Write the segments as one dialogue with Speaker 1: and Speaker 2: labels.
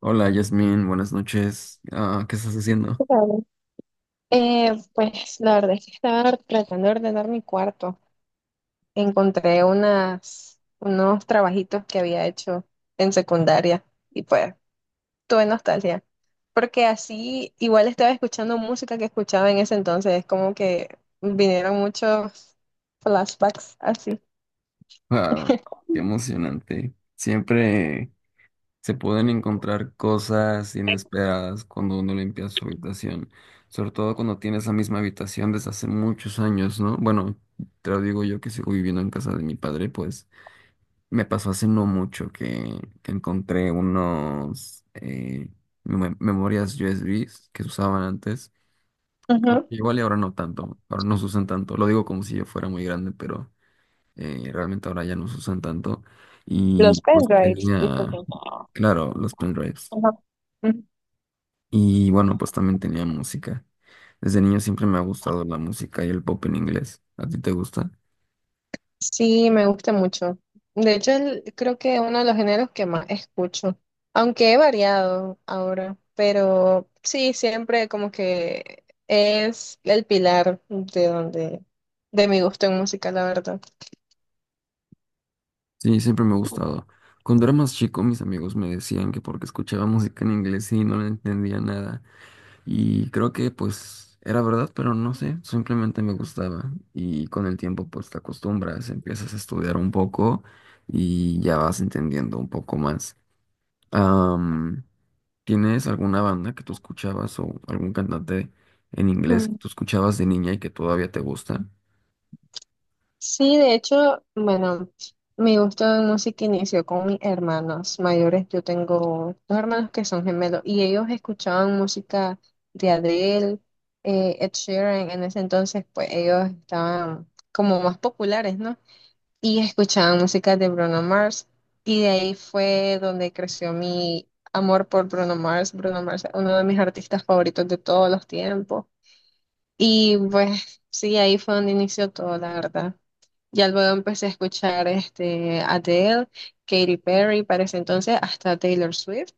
Speaker 1: Hola, Yasmin, buenas noches. Ah, ¿qué estás haciendo?
Speaker 2: Claro. Pues la verdad es que estaba tratando de ordenar mi cuarto. Encontré unos trabajitos que había hecho en secundaria y pues tuve nostalgia. Porque así igual estaba escuchando música que escuchaba en ese entonces. Es como que vinieron muchos flashbacks así.
Speaker 1: Ah, qué emocionante. Siempre se pueden encontrar cosas inesperadas cuando uno limpia su habitación, sobre todo cuando tiene esa misma habitación desde hace muchos años, ¿no? Bueno, te lo digo yo que sigo viviendo en casa de mi padre, pues me pasó hace no mucho que encontré unos memorias USBs que se usaban antes.
Speaker 2: Ujú.
Speaker 1: Igual y ahora no tanto, ahora no se usan tanto. Lo digo como si yo fuera muy grande, pero realmente ahora ya no se usan tanto.
Speaker 2: Los
Speaker 1: Y pues
Speaker 2: pendrives,
Speaker 1: tenía,
Speaker 2: disculpen.
Speaker 1: claro, los pendrives.
Speaker 2: Ajá.
Speaker 1: Y bueno, pues también tenía música. Desde niño siempre me ha gustado la música y el pop en inglés. ¿A ti te gusta?
Speaker 2: Sí, me gusta mucho. De hecho, creo que uno de los géneros que más escucho, aunque he variado ahora, pero sí, siempre como que es el pilar de de mi gusto en música, la verdad.
Speaker 1: Sí, siempre me ha gustado. Cuando era más chico, mis amigos me decían que porque escuchaba música en inglés y no le entendía nada. Y creo que pues era verdad, pero no sé, simplemente me gustaba. Y con el tiempo pues te acostumbras, empiezas a estudiar un poco y ya vas entendiendo un poco más. Am, ¿Tienes alguna banda que tú escuchabas o algún cantante en inglés que tú escuchabas de niña y que todavía te gusta?
Speaker 2: Sí, de hecho, bueno, mi gusto de música inició con mis hermanos mayores. Yo tengo dos hermanos que son gemelos y ellos escuchaban música de Adele, Ed Sheeran. En ese entonces, pues ellos estaban como más populares, ¿no? Y escuchaban música de Bruno Mars. Y de ahí fue donde creció mi amor por Bruno Mars. Bruno Mars es uno de mis artistas favoritos de todos los tiempos. Y pues sí, ahí fue donde inició todo, la verdad. Ya luego empecé a escuchar este, Adele, Katy Perry, para ese entonces hasta Taylor Swift.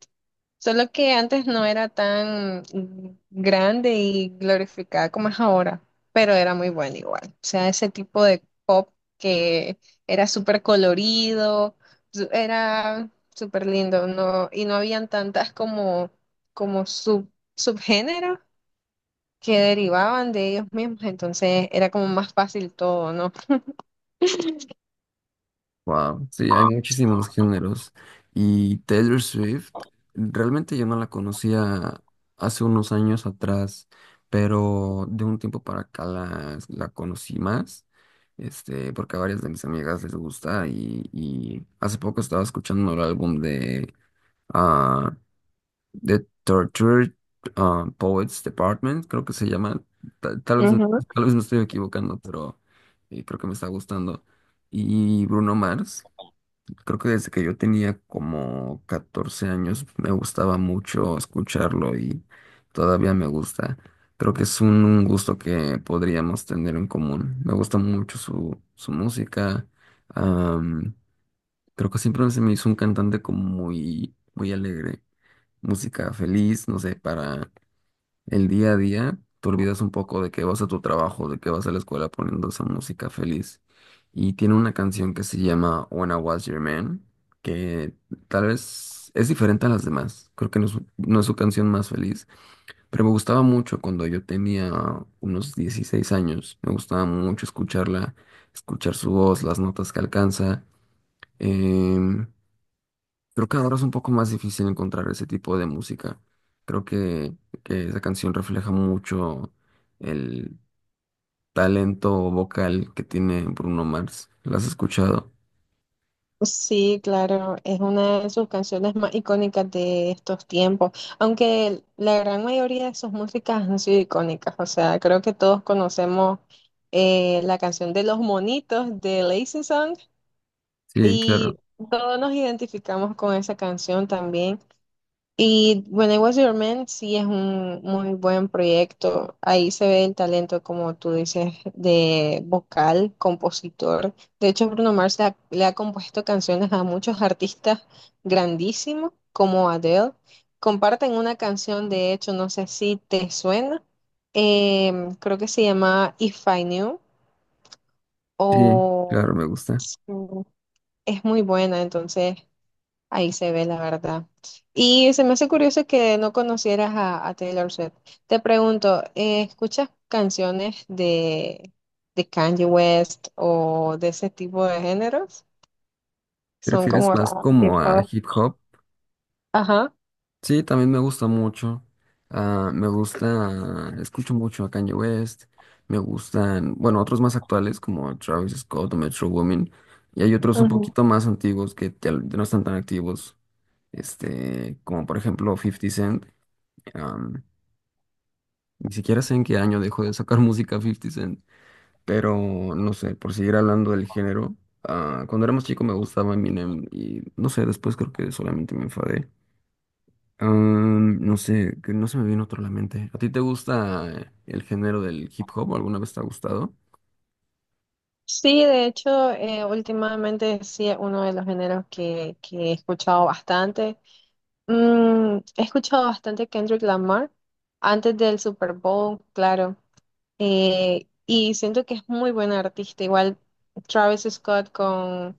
Speaker 2: Solo que antes no era tan grande y glorificada como es ahora, pero era muy buena igual. O sea, ese tipo de pop que era súper colorido, era súper lindo, no, y no habían tantas como subgéneros que derivaban de ellos mismos, entonces era como más fácil todo, ¿no?
Speaker 1: Wow, sí, hay muchísimos géneros. Y Taylor Swift, realmente yo no la conocía hace unos años atrás, pero de un tiempo para acá la conocí más, este, porque a varias de mis amigas les gusta y hace poco estaba escuchando el álbum de ah, The Tortured Poets Department, creo que se llama. Ta- Tal, vez, tal vez me estoy equivocando, pero creo que me está gustando. Y Bruno Mars. Creo que desde que yo tenía como 14 años me gustaba mucho escucharlo y todavía me gusta. Creo que es un gusto que podríamos tener en común. Me gusta mucho su música. am, Creo que siempre se me hizo un cantante como muy, muy alegre. Música feliz, no sé, para el día a día te olvidas un poco de que vas a tu trabajo, de que vas a la escuela poniendo esa música feliz. Y tiene una canción que se llama When I Was Your Man, que tal vez es diferente a las demás. Creo que no es, no es su canción más feliz, pero me gustaba mucho cuando yo tenía unos 16 años. Me gustaba mucho escucharla, escuchar su voz, las notas que alcanza. em, Creo que ahora es un poco más difícil encontrar ese tipo de música. Creo que esa canción refleja mucho el talento vocal que tiene Bruno Mars. ¿La has escuchado?
Speaker 2: Sí, claro, es una de sus canciones más icónicas de estos tiempos, aunque la gran mayoría de sus músicas han sido icónicas, o sea, creo que todos conocemos la canción de Los Monitos de Lazy Song
Speaker 1: Sí, claro.
Speaker 2: y todos nos identificamos con esa canción también. Y When I Was Your Man sí es un muy buen proyecto. Ahí se ve el talento, como tú dices, de vocal, compositor. De hecho, Bruno Mars le ha compuesto canciones a muchos artistas grandísimos, como Adele. Comparten una canción, de hecho, no sé si te suena. Creo que se llama If I Knew
Speaker 1: Sí, claro,
Speaker 2: o
Speaker 1: me gusta.
Speaker 2: mm, es muy buena, entonces. Ahí se ve la verdad. Y se me hace curioso que no conocieras a Taylor Swift. Te pregunto, ¿escuchas canciones de Kanye West o de ese tipo de géneros? Son
Speaker 1: ¿Prefieres
Speaker 2: como
Speaker 1: más
Speaker 2: raras.
Speaker 1: como a
Speaker 2: Tipo,
Speaker 1: hip hop?
Speaker 2: ajá,
Speaker 1: Sí, también me gusta mucho. Ah, me gusta, escucho mucho a Kanye West. Me gustan, bueno, otros más actuales como Travis Scott o Metro Womin. Y hay otros un
Speaker 2: ujú.
Speaker 1: poquito más antiguos que ya no están tan activos. Este, como por ejemplo Fifty Cent. am, Ni siquiera sé en qué año dejó de sacar música Fifty Cent. Pero no sé, por seguir hablando del género. Cuando era más chico me gustaba Eminem y no sé, después creo que solamente me enfadé. No sé, que no se me viene otro a la mente. ¿A ti te gusta el género del hip hop? ¿Alguna vez te ha gustado?
Speaker 2: Sí, de hecho, últimamente sí es uno de los géneros que he escuchado bastante. He escuchado bastante Kendrick Lamar antes del Super Bowl, claro. Y siento que es muy buena artista. Igual Travis Scott con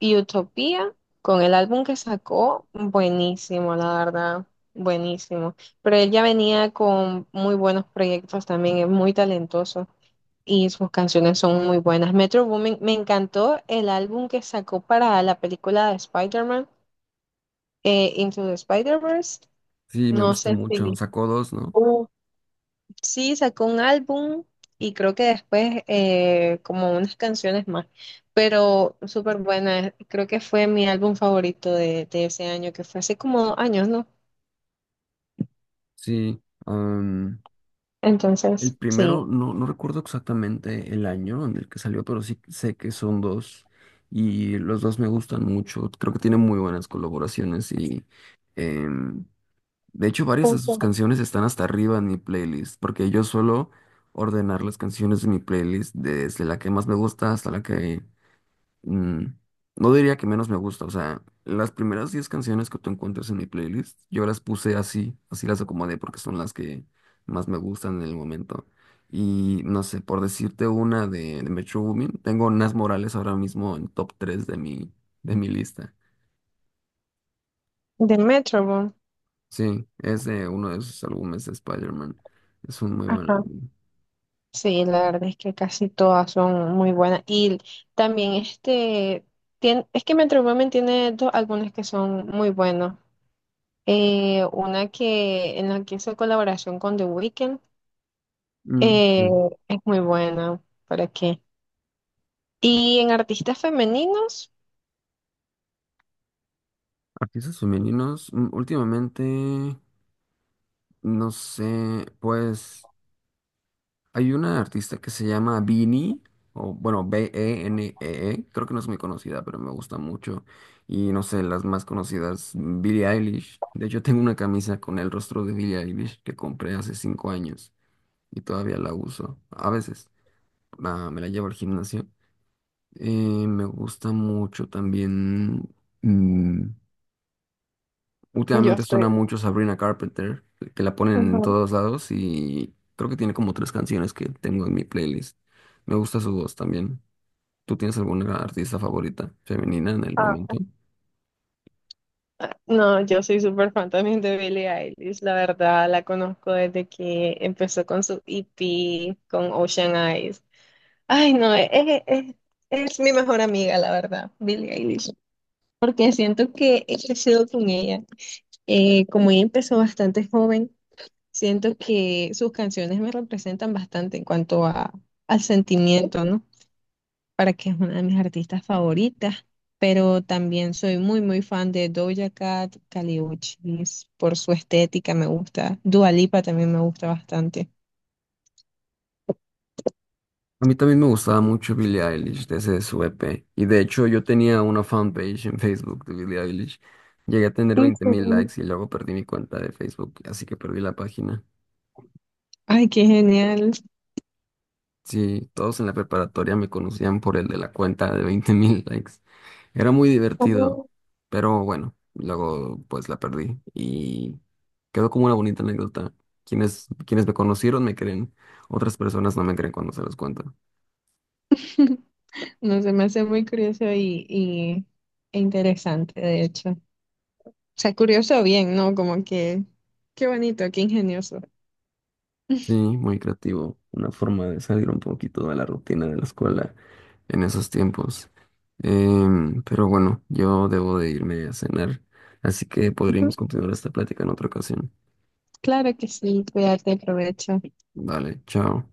Speaker 2: Utopia, con el álbum que sacó, buenísimo, la verdad, buenísimo. Pero él ya venía con muy buenos proyectos también, es muy talentoso y sus canciones son muy buenas. Metro Boomin, me encantó el álbum que sacó para la película de Spider-Man, Into the Spider-Verse.
Speaker 1: Sí, me
Speaker 2: No
Speaker 1: gusta
Speaker 2: sé
Speaker 1: mucho.
Speaker 2: si...
Speaker 1: Sacó dos, ¿no?
Speaker 2: Uf, sí, sacó un álbum y creo que después como unas canciones más, pero súper buena. Creo que fue mi álbum favorito de ese año, que fue hace como dos años, ¿no?
Speaker 1: Sí. am, el
Speaker 2: Entonces,
Speaker 1: primero,
Speaker 2: sí.
Speaker 1: no, no recuerdo exactamente el año en el que salió, pero sí sé que son dos. Y los dos me gustan mucho. Creo que tiene muy buenas colaboraciones y em, de hecho varias de sus
Speaker 2: Justo.
Speaker 1: canciones están hasta arriba en mi playlist, porque yo suelo ordenar las canciones de mi playlist desde la que más me gusta hasta la que mm, no diría que menos me gusta, o sea, las primeras 10 canciones que tú encuentras en mi playlist, yo las puse así, así las acomodé porque son las que más me gustan en el momento. Y no sé, por decirte una de Metro Womin, tengo Nas Morales ahora mismo en top tres de mi lista.
Speaker 2: De Metro.
Speaker 1: Sí, es de uno de sus álbumes de Spider-Man. Es un muy buen
Speaker 2: Ajá.
Speaker 1: álbum.
Speaker 2: Sí, la verdad es que casi todas son muy buenas. Y también este, tiene, es que Metro Boomin tiene dos álbumes que son muy buenos. Una que en la que hizo colaboración con The Weeknd.
Speaker 1: Mm,
Speaker 2: Eh,
Speaker 1: sí.
Speaker 2: es muy buena, ¿para qué? Y en artistas femeninos,
Speaker 1: Artistas femeninos, últimamente, no sé, pues. Hay una artista que se llama Beanie, o bueno, B-E-N-E-E, creo que no es muy conocida, pero me gusta mucho. Y no sé, las más conocidas, Billie Eilish. De hecho, tengo una camisa con el rostro de Billie Eilish que compré hace 5 años y todavía la uso. A veces me la llevo al gimnasio. Me gusta mucho también. mm,
Speaker 2: yo
Speaker 1: Últimamente
Speaker 2: estoy...
Speaker 1: suena mucho Sabrina Carpenter, que la ponen en
Speaker 2: Ujú.
Speaker 1: todos lados y creo que tiene como tres canciones que tengo en mi playlist. Me gusta su voz también. ¿Tú tienes alguna artista favorita femenina en el
Speaker 2: Ah,
Speaker 1: momento?
Speaker 2: ah, no, yo soy súper fan también de Billie Eilish, la verdad, la conozco desde que empezó con su EP, con Ocean Eyes. Ay, no, es mi mejor amiga, la verdad, Billie Eilish, porque siento que he crecido con ella. Como ella empezó bastante joven, siento que sus canciones me representan bastante en cuanto al sentimiento, ¿no? Para que es una de mis artistas favoritas, pero también soy muy, muy fan de Doja Cat, Kali Uchis, por su estética me gusta. Dua Lipa también me gusta bastante.
Speaker 1: A mí también me gustaba mucho Billie Eilish desde su EP. Y de hecho yo tenía una fanpage en Facebook de Billie Eilish. Llegué a tener
Speaker 2: ¿En
Speaker 1: 20.000
Speaker 2: serio?
Speaker 1: likes y luego perdí mi cuenta de Facebook, así que perdí la página.
Speaker 2: Ay, qué genial.
Speaker 1: Sí, todos en la preparatoria me conocían por el de la cuenta de 20.000 likes. Era muy divertido,
Speaker 2: Bueno,
Speaker 1: pero bueno, luego pues la perdí y quedó como una bonita anécdota. Quienes me conocieron me creen, otras personas no me creen cuando se los cuento.
Speaker 2: no se me hace muy e interesante, de hecho. O sea, curioso bien, ¿no? Como que, qué bonito, qué ingenioso.
Speaker 1: Sí, muy creativo, una forma de salir un poquito de la rutina de la escuela en esos tiempos. Pero bueno, yo debo de irme a cenar, así que
Speaker 2: Ujú,
Speaker 1: podríamos continuar esta plática en otra ocasión.
Speaker 2: claro que sí, cuídate, provecho.
Speaker 1: Vale, chao.